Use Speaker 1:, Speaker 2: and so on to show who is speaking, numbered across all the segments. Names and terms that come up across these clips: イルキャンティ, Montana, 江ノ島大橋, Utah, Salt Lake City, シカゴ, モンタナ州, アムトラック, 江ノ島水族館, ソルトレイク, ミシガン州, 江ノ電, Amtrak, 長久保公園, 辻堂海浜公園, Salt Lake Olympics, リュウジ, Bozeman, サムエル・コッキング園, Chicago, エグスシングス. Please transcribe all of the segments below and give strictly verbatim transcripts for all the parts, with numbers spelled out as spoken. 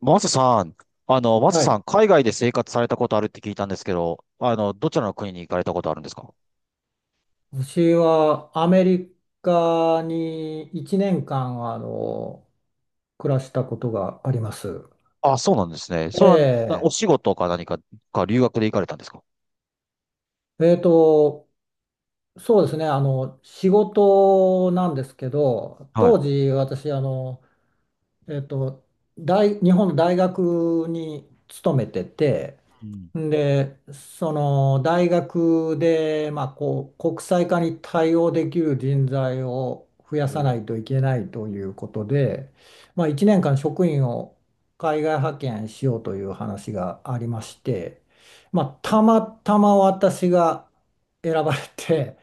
Speaker 1: マサさん、あの、マサ
Speaker 2: は
Speaker 1: さ
Speaker 2: い。
Speaker 1: ん、海外で生活されたことあるって聞いたんですけど、あの、どちらの国に行かれたことあるんですか？
Speaker 2: 私はアメリカにいちねんかん、あの、暮らしたことがあります。
Speaker 1: あ、そうなんですね。そ
Speaker 2: え
Speaker 1: れは、な
Speaker 2: え、
Speaker 1: お仕事か何か、か留学で行かれたんですか？
Speaker 2: えーと、そうですね、あの、仕事なんですけど、
Speaker 1: はい。
Speaker 2: 当時私、あの、えーと、大、日本の大学に勤めてて、
Speaker 1: うん。
Speaker 2: で、その大学で、まあ、こう国際化に対応できる人材を増や
Speaker 1: お
Speaker 2: さな
Speaker 1: ー。
Speaker 2: いといけないということで、まあ、いちねんかん職員を海外派遣しようという話がありまして、まあ、たまたま私が選ばれて、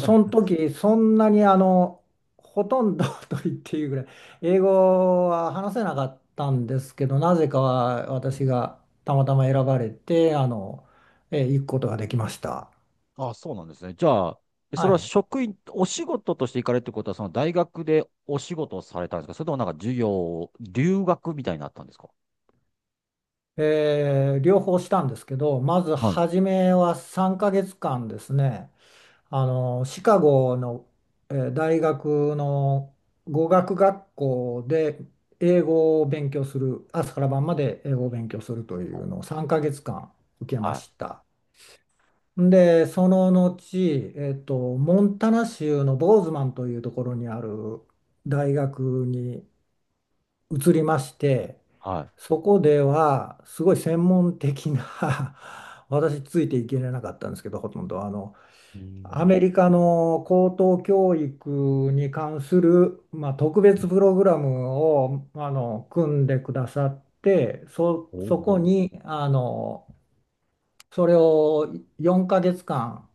Speaker 2: その時そんなにあのほとんど と言っていいぐらい英語は話せなかったんですけど、なぜかは私が。たまたま選ばれて、あの、えー行くことができました。
Speaker 1: あ、そうなんですね。じゃあ、えそ
Speaker 2: は
Speaker 1: れは
Speaker 2: い。
Speaker 1: 職員、お仕事として行かれるってことは、その大学でお仕事をされたんですか？それともなんか授業、留学みたいになったんですか？
Speaker 2: えー両方したんですけど、まず
Speaker 1: はい。
Speaker 2: 初めはさんかげつかんですね、あの、シカゴの、えー大学の語学学校で英語を勉強する、朝から晩まで英語を勉強するというのをさんかげつかん受けま
Speaker 1: はい。
Speaker 2: した。で、その後、えっと、モンタナ州のボーズマンというところにある大学に移りまして、
Speaker 1: は
Speaker 2: そこではすごい専門的な 私ついていけれなかったんですけど、ほとんどあの
Speaker 1: い。うー
Speaker 2: アメ
Speaker 1: ん。
Speaker 2: リカの高等教育に関する、まあ、特別プログラムをあの組んでくださって、そ、
Speaker 1: お
Speaker 2: そこ
Speaker 1: お。
Speaker 2: にあのそれをよんかげつかん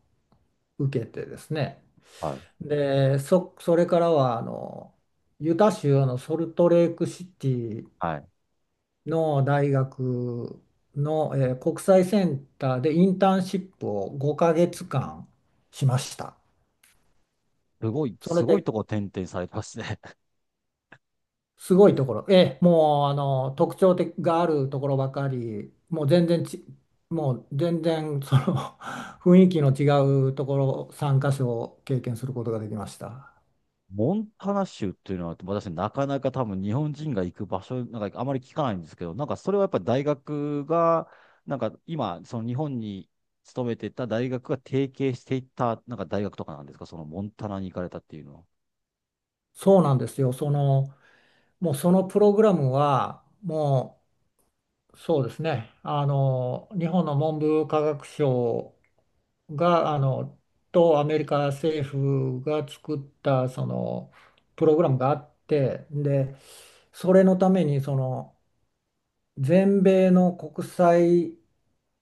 Speaker 2: 受けてですね、
Speaker 1: はい。
Speaker 2: でそ、それからはあのユタ州のソルトレークシティ
Speaker 1: はい。
Speaker 2: の大学の、えー国際センターでインターンシップをごかげつかんしました。
Speaker 1: すごい、
Speaker 2: それ
Speaker 1: すごい
Speaker 2: で
Speaker 1: とこ転々されてますね。
Speaker 2: すごいところ、えーもうあの特徴的があるところばかり、もう全然ち、もう全然その 雰囲気の違うところ参加所を経験することができました。
Speaker 1: モンタナ州っていうのは、私、なかなか多分日本人が行く場所、なんかあまり聞かないんですけど、なんかそれはやっぱり大学が、なんか今、その日本に勤めてた大学が提携していった、なんか大学とかなんですか、そのモンタナに行かれたっていうのは？
Speaker 2: そうなんですよ。その、もうそのプログラムはもう、そうですね。あの、日本の文部科学省が、あの、とアメリカ政府が作ったそのプログラムがあって、で、それのためにその全米の国際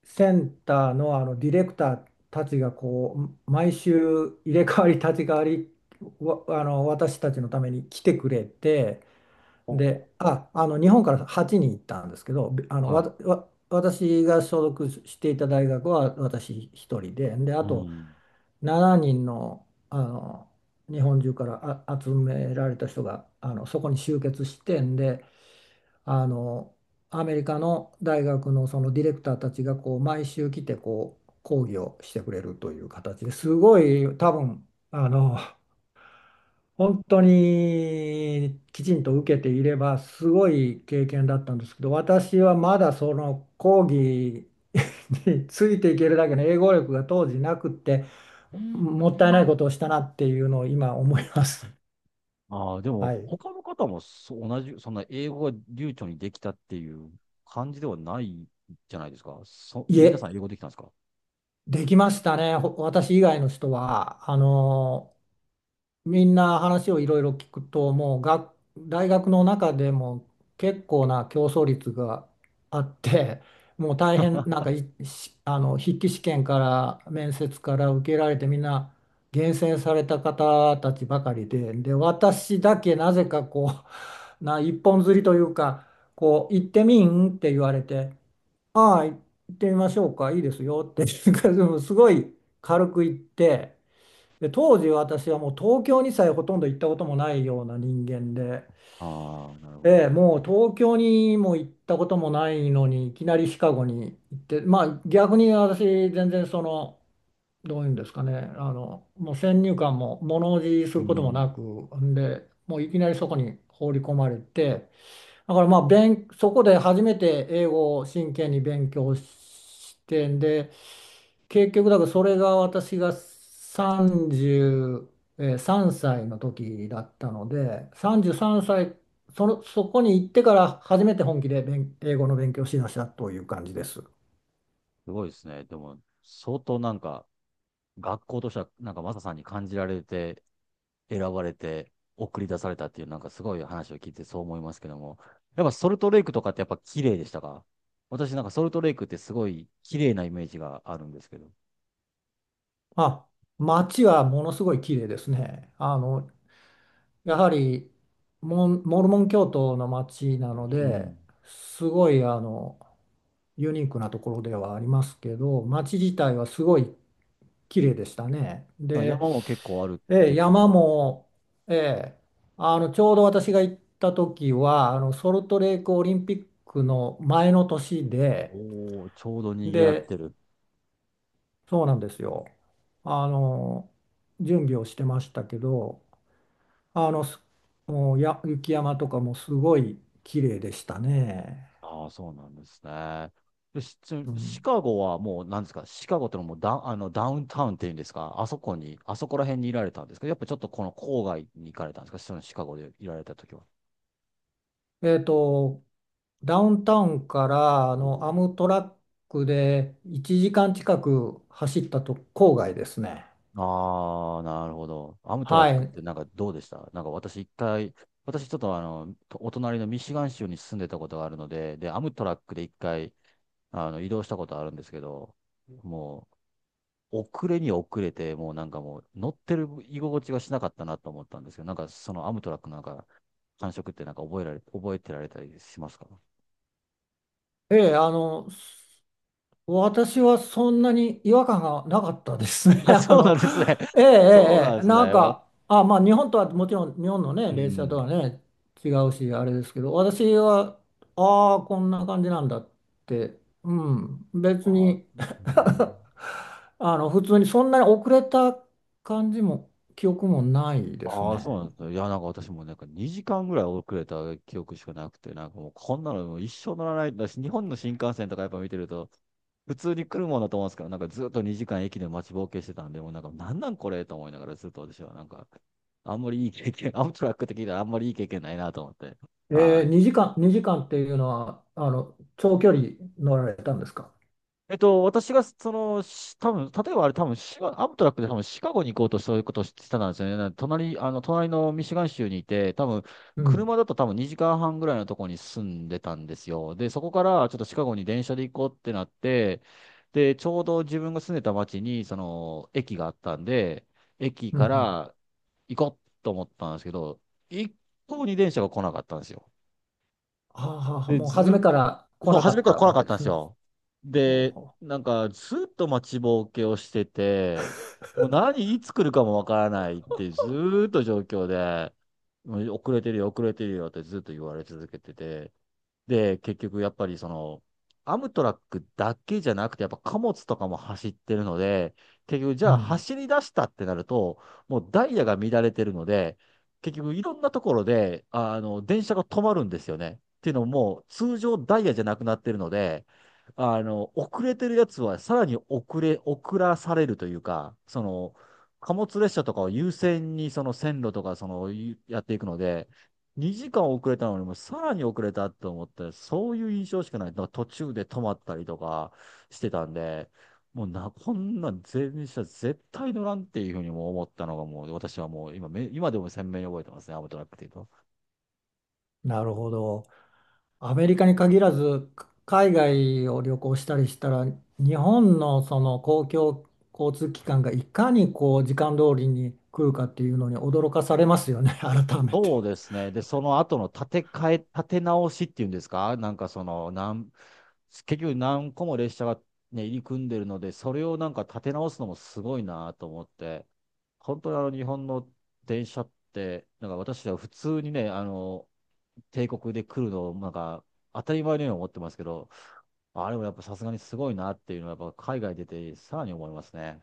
Speaker 2: センターの、あのディレクターたちがこう毎週入れ替わり立ち替わりわあの私たちのために来てくれて、
Speaker 1: おー。
Speaker 2: であ、あの日本からはちにん行ったんですけど、べあの
Speaker 1: は
Speaker 2: わ
Speaker 1: い。
Speaker 2: たわ私が所属していた大学は私一人で、であ
Speaker 1: う
Speaker 2: と
Speaker 1: ん。
Speaker 2: しちにんの、あの日本中からあ集められた人があのそこに集結してんで、あのアメリカの大学のそのディレクターたちがこう毎週来てこう講義をしてくれるという形で、すごい多分あの本当にきちんと受けていればすごい経験だったんですけど、私はまだその講義 についていけるだけの英語力が当時なくって、うん。もったいないことをしたなっていうのを今思います。
Speaker 1: ああ、でも、
Speaker 2: はい、
Speaker 1: 他の方もそう同じ、そんな英語が流暢にできたっていう感じではないじゃないですか。そ、
Speaker 2: い
Speaker 1: 皆さ
Speaker 2: え、
Speaker 1: ん英語できたんですか？
Speaker 2: できましたね。ほ私以外の人はあのみんな、話をいろいろ聞くと、もう学大学の中でも結構な競争率があって、もう大変、なんかいしあの筆記試験から面接から受けられて、みんな厳選された方たちばかりで、で、私だけなぜかこう、な一本釣りというか、こう、行ってみんって言われて、ああ、行ってみましょうか、いいですよって すごい軽く行って。で、当時私はもう東京にさえほとんど行ったこともないような人間で、
Speaker 1: ああー、なるほ
Speaker 2: ええ、
Speaker 1: ど。
Speaker 2: もう東京にも行ったこともないのにいきなりシカゴに行って、まあ逆に私、全然その、どういうんですかね、あのもう先入観も物おじす
Speaker 1: う
Speaker 2: ることもな
Speaker 1: ん。
Speaker 2: く、んでもういきなりそこに放り込まれて、だからまあ勉そこで初めて英語を真剣に勉強して、んで結局、だからそれが私がさんじゅうさんさいの時だったので、さんじゅうさんさい、その、そこに行ってから初めて本気で勉英語の勉強をしだしたという感じです。
Speaker 1: すごいですね。でも、相当なんか、学校としては、なんかマサさんに感じられて、選ばれて、送り出されたっていう、なんかすごい話を聞いてそう思いますけども。やっぱソルトレイクとかってやっぱ綺麗でしたか？私なんかソルトレイクってすごい綺麗なイメージがあるんですけど。
Speaker 2: まあ、街はものすごい綺麗ですね。あの、やはりモン、モルモン教徒の街なの
Speaker 1: う
Speaker 2: で、
Speaker 1: ん。
Speaker 2: すごいあのユニークなところではありますけど、街自体はすごい綺麗でしたね。
Speaker 1: なんか
Speaker 2: で、
Speaker 1: 山も結構あるっ
Speaker 2: え
Speaker 1: て
Speaker 2: え、
Speaker 1: 聞い
Speaker 2: 山
Speaker 1: たんですよ。
Speaker 2: も、ええ、あのちょうど私が行った時はあのソルトレークオリンピックの前の年で、
Speaker 1: おー、ちょうど賑わっ
Speaker 2: で、
Speaker 1: てる。
Speaker 2: そうなんですよ。あの準備をしてましたけど、あのすもうや雪山とかもすごい綺麗でしたね。
Speaker 1: ああ、そうなんですね。で、し
Speaker 2: う
Speaker 1: シ
Speaker 2: ん、
Speaker 1: カゴはもう、なんですか、シカゴってのはもうダウン、あの、ダウンタウンっていうんですか、あそこに、あそこら辺にいられたんですか、やっぱちょっとこの郊外に行かれたんですか、そのシカゴでいられた時は？
Speaker 2: えっとダウンタウンからあのアムトラックでいちじかん近く走ったと郊外ですね。
Speaker 1: ああ、なるほど。アムトラ
Speaker 2: は
Speaker 1: ックっ
Speaker 2: い。
Speaker 1: てなんかどうでした？なんか私一回、私ちょっとあの、お隣のミシガン州に住んでたことがあるので、で、アムトラックで一回、あの、移動したことあるんですけど、もう、遅れに遅れて、もうなんかもう乗ってる居心地がしなかったなと思ったんですけど、なんかそのアムトラックなんか感触ってなんか覚えられ、覚えてられたりしますか？
Speaker 2: ええ、あの、私はそんなに違和感がなかったですね。
Speaker 1: あ、
Speaker 2: あ
Speaker 1: そうな
Speaker 2: の、
Speaker 1: んですね。
Speaker 2: ええ、え
Speaker 1: そうな
Speaker 2: え、え
Speaker 1: んで
Speaker 2: え、
Speaker 1: す
Speaker 2: なん
Speaker 1: ね。わ
Speaker 2: か、あ、まあ、日本とはもちろん、日本のね、
Speaker 1: う
Speaker 2: 列車と
Speaker 1: ん。
Speaker 2: はね、違うし、あれですけど、私は、ああ、こんな感じなんだって、うん、別
Speaker 1: あ、
Speaker 2: に
Speaker 1: うん。
Speaker 2: あの、普通にそんなに遅れた感じも、記憶もないです
Speaker 1: ああ、そ
Speaker 2: ね。
Speaker 1: うなんですね。いや、なんか私もなんかにじかんぐらい遅れた記憶しかなくて、なんかもうこんなのもう一生乗らないんだし、日本の新幹線とかやっぱ見てると、普通に来るもんだと思うんですけど、なんかずっとにじかん駅で待ちぼうけしてたんで、もうなんかなんなんこれと思いながらずっと私はなんか、あんまりいい経験、アムトラックって聞いたらあんまりいい経験ないなと思って。
Speaker 2: え
Speaker 1: は
Speaker 2: え、
Speaker 1: い。
Speaker 2: にじかん、にじかんっていうのは、あの、長距離乗られたんですか？
Speaker 1: えっと、私が、その、し多分、例えばあれ、多分、シガ、アムトラックで多分、シカゴに行こうとそういうことをしてたんですよね。なんで隣、あの、隣のミシガン州にいて、多分、
Speaker 2: うん。
Speaker 1: 車だと多分にじかんはんぐらいのところに住んでたんですよ。で、そこからちょっとシカゴに電車で行こうってなって、で、ちょうど自分が住んでた町に、その、駅があったんで、駅
Speaker 2: うん、
Speaker 1: か
Speaker 2: うん、
Speaker 1: ら行こうと思ったんですけど、一向に電車が来なかったんですよ。
Speaker 2: ああ、
Speaker 1: で、
Speaker 2: もう初め
Speaker 1: ず、
Speaker 2: から来
Speaker 1: そう、
Speaker 2: なか
Speaker 1: 初め
Speaker 2: っ
Speaker 1: から
Speaker 2: た
Speaker 1: 来な
Speaker 2: わ
Speaker 1: か
Speaker 2: け
Speaker 1: っ
Speaker 2: で
Speaker 1: たんで
Speaker 2: す
Speaker 1: す
Speaker 2: ね。
Speaker 1: よ。
Speaker 2: ほう
Speaker 1: で、
Speaker 2: ほ
Speaker 1: なんか、ずっと待ちぼうけをしてて、もう何、いつ来るかもわからないって、ずーっと状況で、もう遅れてるよ、遅れてるよってずっと言われ続けてて、で、結局やっぱりその、アムトラックだけじゃなくて、やっぱ貨物とかも走ってるので、結局じ
Speaker 2: う、
Speaker 1: ゃ
Speaker 2: う
Speaker 1: あ
Speaker 2: ん、
Speaker 1: 走り出したってなると、もうダイヤが乱れてるので、結局いろんなところで、あの、電車が止まるんですよね。っていうのも、もう通常ダイヤじゃなくなってるので、あの、遅れてるやつはさらに遅れ、遅らされるというか、その、貨物列車とかを優先にその線路とかその、やっていくので、にじかん遅れたのにもさらに遅れたと思って、そういう印象しかない。だから途中で止まったりとかしてたんで、もうな、こんなん電車絶対乗らんっていうふうにも思ったのがもう私はもう今め、今でも鮮明に覚えてますね、アムトラックっていうと。
Speaker 2: なるほど。アメリカに限らず、か海外を旅行したりしたら、日本のその公共交通機関がいかにこう時間通りに来るかっていうのに驚かされますよね、改め
Speaker 1: そう
Speaker 2: て。
Speaker 1: ですね。で、その後の建て替え、建て直しっていうんですか？なんかその、なん、結局何個も列車がね、入り組んでるので、それをなんか建て直すのもすごいなと思って、本当にあの日本の電車って、なんか私は普通にね、あの、帝国で来るのをなんか当たり前のように思ってますけど、あれもやっぱさすがにすごいなっていうのはやっぱ海外出てさらに思いますね。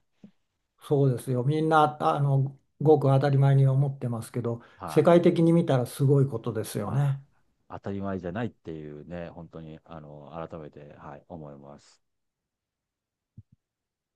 Speaker 2: そうですよ。みんな、あの、ごく当たり前に思ってますけど、世
Speaker 1: は
Speaker 2: 界的に見たらすごいことです
Speaker 1: い。
Speaker 2: よ
Speaker 1: はい。
Speaker 2: ね。
Speaker 1: 当たり前じゃないっていうね、本当に、あの、改めて、はい、思います。